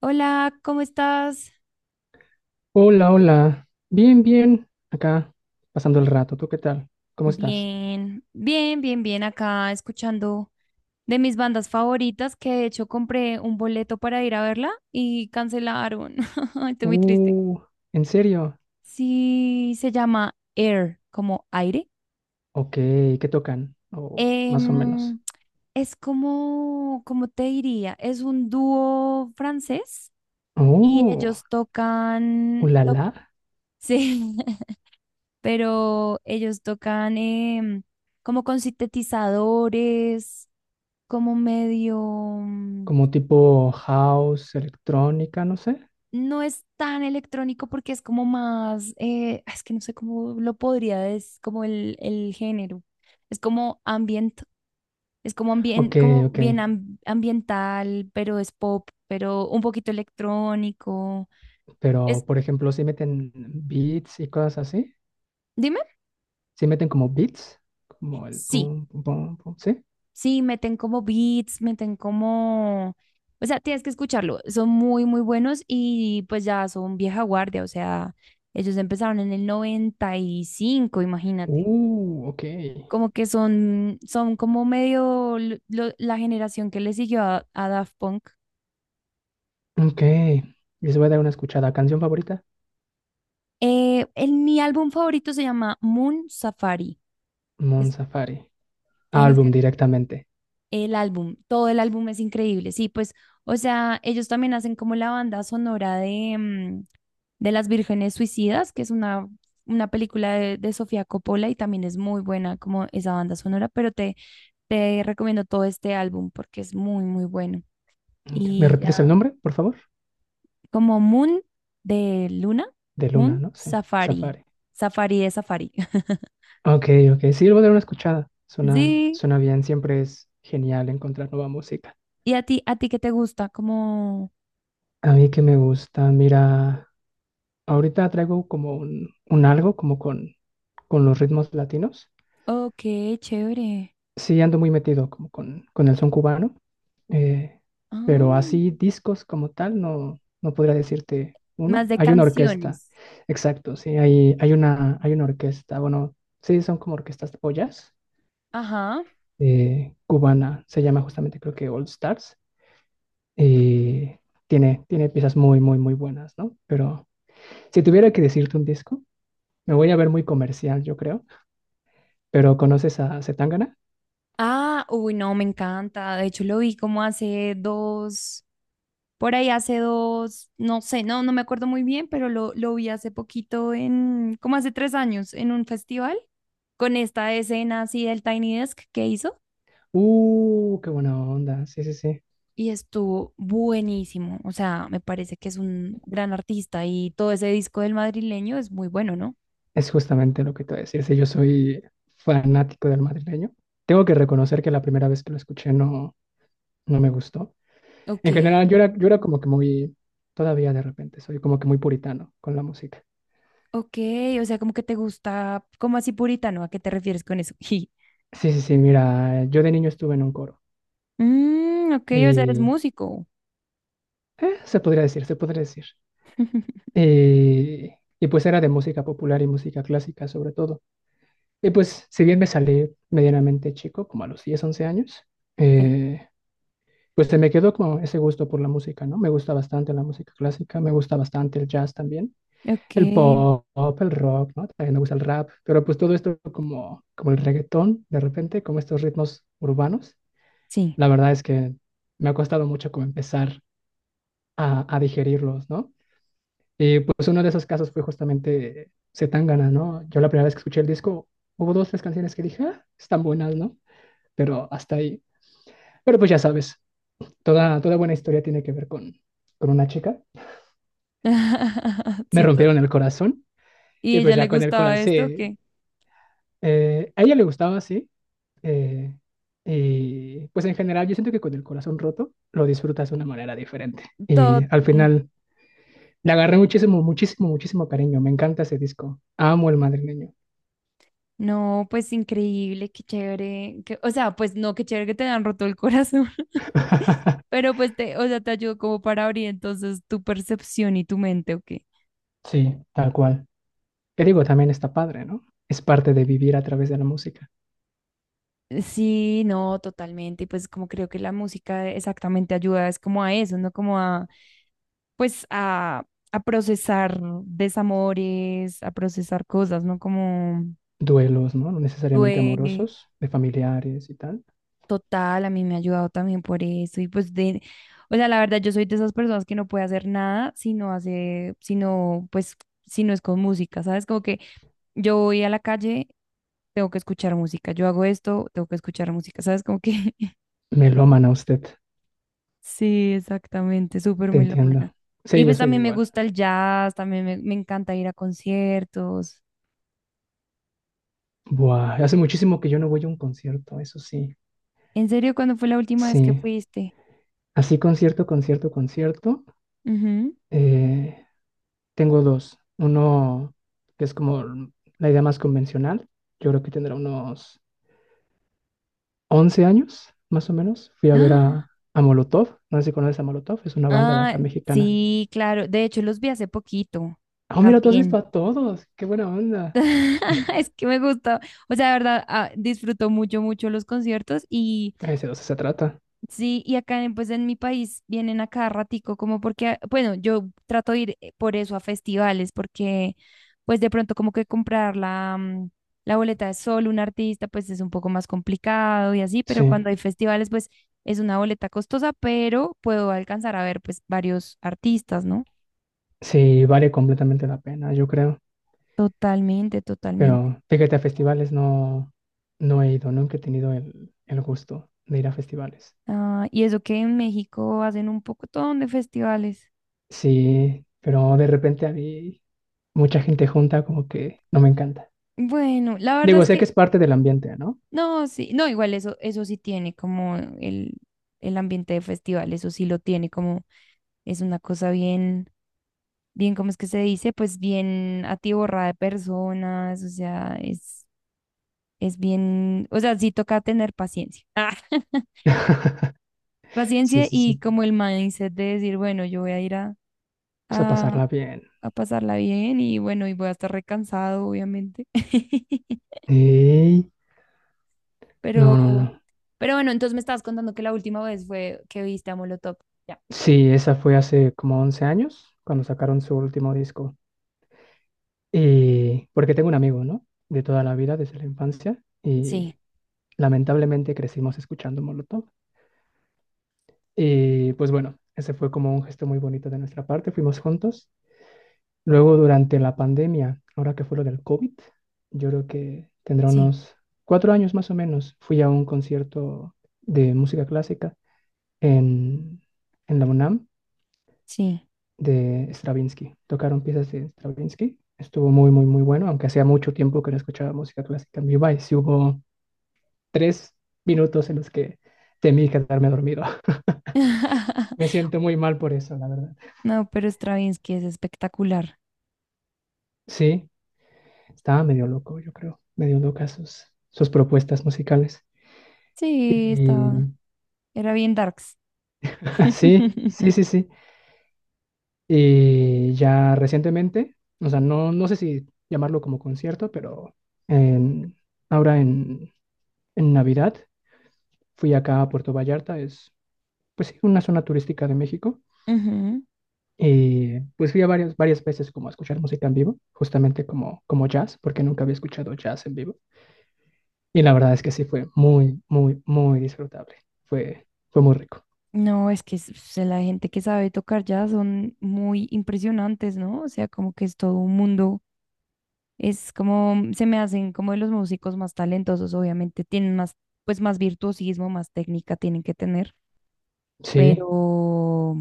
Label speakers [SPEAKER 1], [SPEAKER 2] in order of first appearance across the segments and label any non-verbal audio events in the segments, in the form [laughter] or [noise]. [SPEAKER 1] Hola, ¿cómo estás?
[SPEAKER 2] Hola, hola. Bien, bien. Acá, pasando el rato. ¿Tú qué tal? ¿Cómo estás?
[SPEAKER 1] Bien, bien, bien, bien acá escuchando de mis bandas favoritas que de hecho compré un boleto para ir a verla y cancelaron. [laughs] Ay, estoy muy triste.
[SPEAKER 2] Uh, ¿En serio?
[SPEAKER 1] Sí, se llama Air, como aire.
[SPEAKER 2] Ok, ¿qué tocan? O más o menos.
[SPEAKER 1] Em, es como, ¿cómo te diría? Es un dúo francés y
[SPEAKER 2] Oh,
[SPEAKER 1] ellos tocan,
[SPEAKER 2] ulala.
[SPEAKER 1] sí, [laughs] pero ellos tocan em, como con sintetizadores como medio,
[SPEAKER 2] Como tipo house, electrónica, no sé.
[SPEAKER 1] no es tan electrónico porque es como más, es que no sé cómo lo podría, es como el género, es como ambient, es como,
[SPEAKER 2] Ok, ok.
[SPEAKER 1] ambiental, pero es pop, pero un poquito electrónico.
[SPEAKER 2] Pero,
[SPEAKER 1] Es,
[SPEAKER 2] por ejemplo, si meten beats y cosas así.
[SPEAKER 1] dime,
[SPEAKER 2] Si meten como beats. Como el
[SPEAKER 1] sí.
[SPEAKER 2] pum, pum, pum, pum. ¿Sí?
[SPEAKER 1] Sí, meten como beats, meten como... O sea, tienes que escucharlo. Son muy, muy buenos y pues ya son vieja guardia. O sea, ellos empezaron en el 95. Imagínate.
[SPEAKER 2] Ok.
[SPEAKER 1] Como que son, son como medio la generación que le siguió a Daft Punk.
[SPEAKER 2] Ok. Les voy a dar una escuchada. ¿Canción favorita?
[SPEAKER 1] Mi álbum favorito se llama Moon Safari.
[SPEAKER 2] Mon
[SPEAKER 1] Es-
[SPEAKER 2] Laferte.
[SPEAKER 1] Tienes
[SPEAKER 2] Álbum
[SPEAKER 1] que...
[SPEAKER 2] directamente.
[SPEAKER 1] El álbum, todo el álbum es increíble. Sí, pues, o sea, ellos también hacen como la banda sonora de Las Vírgenes Suicidas, que es una película de Sofía Coppola y también es muy buena como esa banda sonora, pero te recomiendo todo este álbum porque es muy, muy bueno.
[SPEAKER 2] Ok, ¿me
[SPEAKER 1] Y
[SPEAKER 2] repites el
[SPEAKER 1] ya,
[SPEAKER 2] nombre, por favor?
[SPEAKER 1] como Moon de Luna,
[SPEAKER 2] De Luna,
[SPEAKER 1] Moon
[SPEAKER 2] ¿no? Sí,
[SPEAKER 1] Safari,
[SPEAKER 2] Safari.
[SPEAKER 1] Safari de Safari. [laughs]
[SPEAKER 2] Ok, ok. Sí, le voy a dar una escuchada. Suena,
[SPEAKER 1] Sí,
[SPEAKER 2] suena bien. Siempre es genial encontrar nueva música.
[SPEAKER 1] y a ti, qué te gusta, como,
[SPEAKER 2] A mí que me gusta, mira, ahorita traigo como un algo como con los ritmos latinos.
[SPEAKER 1] ok, chévere.
[SPEAKER 2] Sí, ando muy metido como con el son cubano, eh, pero
[SPEAKER 1] Ah.
[SPEAKER 2] así discos como tal no, no podría decirte
[SPEAKER 1] Más
[SPEAKER 2] uno.
[SPEAKER 1] de
[SPEAKER 2] Hay una orquesta,
[SPEAKER 1] canciones.
[SPEAKER 2] exacto, sí, hay una, hay una orquesta, bueno, sí, son como orquestas pollas,
[SPEAKER 1] Ajá.
[SPEAKER 2] cubana, se llama justamente creo que All Stars, y tiene, tiene piezas muy, muy, muy buenas, ¿no? Pero si tuviera que decirte un disco, me voy a ver muy comercial, yo creo, pero ¿conoces a Zetangana?
[SPEAKER 1] Ah, uy, no, me encanta. De hecho, lo vi como hace dos, por ahí hace dos, no sé, no me acuerdo muy bien, pero lo vi hace poquito en, como hace 3 años, en un festival, con esta escena así del Tiny Desk que hizo.
[SPEAKER 2] Qué buena onda, sí, sí, sí.
[SPEAKER 1] Y estuvo buenísimo. O sea, me parece que es un gran artista y todo ese disco del madrileño es muy bueno, ¿no?
[SPEAKER 2] Es justamente lo que te voy a decir. Si yo soy fanático del madrileño, tengo que reconocer que la primera vez que lo escuché no, no me gustó.
[SPEAKER 1] Ok,
[SPEAKER 2] En general, yo era como que muy, todavía de repente, soy como que muy puritano con la música.
[SPEAKER 1] ok, o sea, como que te gusta, como así puritano, ¿a qué te refieres con eso? [laughs]
[SPEAKER 2] Sí, sí, sí, mira, yo de niño estuve en un coro
[SPEAKER 1] Mm, ok, o sea, eres
[SPEAKER 2] y
[SPEAKER 1] músico.
[SPEAKER 2] se podría decir, se podría decir.
[SPEAKER 1] [laughs]
[SPEAKER 2] Y, y pues era de música popular y música clásica sobre todo. Y pues si bien me salí medianamente chico, como a los 10 11 años,
[SPEAKER 1] Sí.
[SPEAKER 2] eh, pues se me quedó como ese gusto por la música, ¿no? Me gusta bastante la música clásica, me gusta bastante el jazz también,
[SPEAKER 1] Ok,
[SPEAKER 2] el pop, el rock, ¿no? También me gusta el rap, pero pues todo esto como, como el reggaetón, de repente, como estos ritmos urbanos,
[SPEAKER 1] sí.
[SPEAKER 2] la verdad es que me ha costado mucho como empezar a digerirlos, ¿no? Y pues uno de esos casos fue justamente Zetangana, ¿no? Yo la primera vez que escuché el disco, hubo dos, tres canciones que dije, ah, están buenas, ¿no? Pero hasta ahí. Pero pues ya sabes, toda buena historia tiene que ver con una chica.
[SPEAKER 1] [laughs]
[SPEAKER 2] Me
[SPEAKER 1] Sí,
[SPEAKER 2] rompieron el corazón.
[SPEAKER 1] ¿y
[SPEAKER 2] Y pues
[SPEAKER 1] ella le
[SPEAKER 2] ya con el
[SPEAKER 1] gustaba
[SPEAKER 2] corazón,
[SPEAKER 1] esto o
[SPEAKER 2] sí,
[SPEAKER 1] qué?
[SPEAKER 2] a ella le gustaba, sí. eh, y pues en general yo siento que con el corazón roto lo disfrutas de una manera diferente. Y
[SPEAKER 1] Todo,
[SPEAKER 2] al
[SPEAKER 1] mm,
[SPEAKER 2] final le agarré muchísimo, muchísimo, muchísimo cariño. Me encanta ese disco. Amo el madrileño.
[SPEAKER 1] no, pues increíble, qué chévere. O sea, pues no, qué chévere que te han roto el corazón. [laughs]
[SPEAKER 2] [laughs]
[SPEAKER 1] Pero pues te, o sea, te ayudó como para abrir entonces tu percepción y tu mente, ¿o qué?
[SPEAKER 2] Sí, tal cual. Que digo, también está padre, ¿no? Es parte de vivir a través de la música.
[SPEAKER 1] Sí, no, totalmente. Y pues como creo que la música exactamente ayuda es como a eso, ¿no? Como a pues a procesar desamores, a procesar cosas, ¿no? Como
[SPEAKER 2] Duelos, ¿no? No necesariamente
[SPEAKER 1] duele
[SPEAKER 2] amorosos, de familiares y tal.
[SPEAKER 1] total, a mí me ha ayudado también por eso y pues de, o sea, la verdad yo soy de esas personas que no puede hacer nada si no hace, si no, pues, si no es con música, ¿sabes? Como que yo voy a la calle, tengo que escuchar música, yo hago esto, tengo que escuchar música, ¿sabes? Como que [laughs]
[SPEAKER 2] Me lo aman a usted,
[SPEAKER 1] sí, exactamente, súper
[SPEAKER 2] te
[SPEAKER 1] melómana.
[SPEAKER 2] entiendo.
[SPEAKER 1] Y
[SPEAKER 2] Sí, yo
[SPEAKER 1] pues
[SPEAKER 2] soy
[SPEAKER 1] también me
[SPEAKER 2] igual.
[SPEAKER 1] gusta el jazz, también me encanta ir a conciertos.
[SPEAKER 2] Buah, hace muchísimo que yo no voy a un concierto, eso sí.
[SPEAKER 1] ¿En serio cuándo fue la última vez que
[SPEAKER 2] Sí,
[SPEAKER 1] fuiste?
[SPEAKER 2] así concierto, concierto, concierto.
[SPEAKER 1] Ujú.
[SPEAKER 2] eh, Tengo dos. Uno que es como la idea más convencional. Yo creo que tendrá unos 11 años, más o menos. Fui a ver
[SPEAKER 1] ¡Ah!
[SPEAKER 2] a Molotov. No sé si conoces a Molotov, es una banda de
[SPEAKER 1] Ah,
[SPEAKER 2] acá mexicana.
[SPEAKER 1] sí, claro. De hecho, los vi hace poquito
[SPEAKER 2] Oh, mira, tú has visto
[SPEAKER 1] también.
[SPEAKER 2] a todos. Qué buena onda.
[SPEAKER 1] [laughs] Es que me gustó. O sea, de verdad, ah, disfruto mucho, mucho los conciertos y.
[SPEAKER 2] Ese dos se trata.
[SPEAKER 1] Sí, y acá pues en mi país vienen a cada ratico, como porque, bueno, yo trato de ir por eso a festivales, porque pues de pronto como que comprar la boleta de solo un artista, pues es un poco más complicado y así, pero
[SPEAKER 2] Sí,
[SPEAKER 1] cuando hay festivales, pues es una boleta costosa, pero puedo alcanzar a ver pues varios artistas, ¿no?
[SPEAKER 2] sí, vale completamente la pena, yo creo.
[SPEAKER 1] Totalmente, totalmente.
[SPEAKER 2] Pero fíjate, a festivales no, no he ido, nunca he tenido el gusto de ir a festivales.
[SPEAKER 1] Ah, y eso que en México hacen un poco de festivales.
[SPEAKER 2] Sí, pero de repente a mí mucha gente junta como que no me encanta.
[SPEAKER 1] Bueno, la verdad
[SPEAKER 2] Digo,
[SPEAKER 1] es
[SPEAKER 2] sé que
[SPEAKER 1] que
[SPEAKER 2] es parte del ambiente, ¿no?
[SPEAKER 1] no, sí, no, igual eso, eso sí tiene como el ambiente de festival, eso sí lo tiene como, es una cosa bien, bien, ¿cómo es que se dice? Pues bien atiborrada de personas, o sea, es, bien, o sea, sí toca tener paciencia. [laughs]
[SPEAKER 2] [laughs]
[SPEAKER 1] Ah,
[SPEAKER 2] Sí,
[SPEAKER 1] paciencia
[SPEAKER 2] sí,
[SPEAKER 1] y
[SPEAKER 2] sí.
[SPEAKER 1] como el mindset de decir, bueno, yo voy a ir a,
[SPEAKER 2] Pues a
[SPEAKER 1] a,
[SPEAKER 2] pasarla bien.
[SPEAKER 1] a pasarla bien y bueno, y voy a estar recansado, obviamente. [laughs]
[SPEAKER 2] Y...
[SPEAKER 1] Pero,
[SPEAKER 2] No, no, no.
[SPEAKER 1] pero bueno, entonces me estabas contando que la última vez fue que viste a Molotov.
[SPEAKER 2] Sí, esa fue hace como 11 años, cuando sacaron su último disco. Y porque tengo un amigo, ¿no? De toda la vida, desde la infancia.
[SPEAKER 1] Sí,
[SPEAKER 2] Y lamentablemente crecimos escuchando Molotov. Y pues bueno, ese fue como un gesto muy bonito de nuestra parte, fuimos juntos. Luego durante la pandemia, ahora que fue lo del COVID, yo creo que tendrá
[SPEAKER 1] sí,
[SPEAKER 2] unos cuatro años más o menos, fui a un concierto de música clásica en, en la UNAM
[SPEAKER 1] sí.
[SPEAKER 2] de Stravinsky. Tocaron piezas de Stravinsky, estuvo muy, muy, muy bueno, aunque hacía mucho tiempo que no escuchaba música clásica en vivo y sí hubo tres minutos en los que temí quedarme dormido. [laughs] Me
[SPEAKER 1] [laughs]
[SPEAKER 2] siento muy mal por eso, la verdad.
[SPEAKER 1] No, pero Stravinsky es espectacular.
[SPEAKER 2] Sí, estaba medio loco, yo creo, medio loca sus, sus propuestas musicales.
[SPEAKER 1] Sí, estaba.
[SPEAKER 2] Y
[SPEAKER 1] Era bien darks.
[SPEAKER 2] [laughs] sí, sí, sí,
[SPEAKER 1] [laughs]
[SPEAKER 2] sí. Y ya recientemente, o sea, no, no sé si llamarlo como concierto, pero en- ahora en Navidad fui acá a Puerto Vallarta, es pues sí, una zona turística de México.
[SPEAKER 1] Ujú.
[SPEAKER 2] Y pues fui a varias, varias veces como a escuchar música en vivo, justamente como, como jazz, porque nunca había escuchado jazz en vivo. Y la verdad es que sí fue muy, muy, muy disfrutable. Fue, fue muy rico.
[SPEAKER 1] No, es que la gente que sabe tocar ya son muy impresionantes, ¿no? O sea, como que es todo un mundo. Es como, se me hacen como de los músicos más talentosos, obviamente tienen más, pues más virtuosismo, más técnica tienen que tener.
[SPEAKER 2] Sí,
[SPEAKER 1] Pero,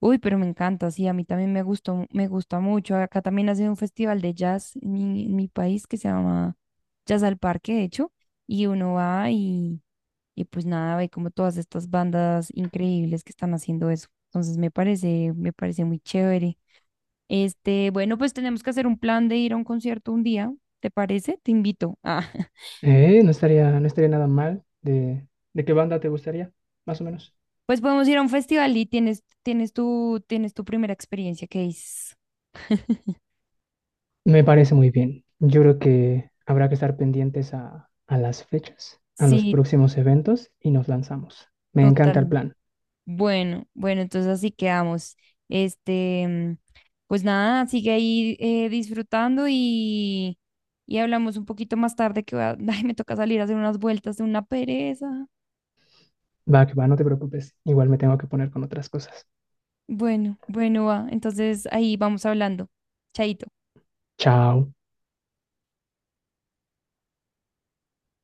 [SPEAKER 1] uy, pero me encanta, sí, a mí también me gustó, me gusta mucho. Acá también hace un festival de jazz en mi país que se llama Jazz al Parque, de hecho, y uno va y pues nada, ve como todas estas bandas increíbles que están haciendo eso. Entonces me parece muy chévere. Este, bueno, pues tenemos que hacer un plan de ir a un concierto un día, ¿te parece? Te invito. Ah, [laughs]
[SPEAKER 2] no estaría, no estaría nada mal. De qué banda te gustaría? Más o menos.
[SPEAKER 1] pues podemos ir a un festival y tienes tu primera experiencia, que es,
[SPEAKER 2] Me parece muy bien. Yo creo que habrá que estar pendientes a las fechas, a los
[SPEAKER 1] sí,
[SPEAKER 2] próximos eventos y nos lanzamos. Me encanta el
[SPEAKER 1] total.
[SPEAKER 2] plan.
[SPEAKER 1] Bueno, bueno, entonces así quedamos. Este, pues nada, sigue ahí disfrutando y hablamos un poquito más tarde que [laughs] ay, me toca salir a hacer unas vueltas de una pereza.
[SPEAKER 2] Va, que va, no te preocupes. Igual me tengo que poner con otras cosas.
[SPEAKER 1] Bueno, bueno, va. Entonces ahí vamos hablando. Chaito.
[SPEAKER 2] Chao.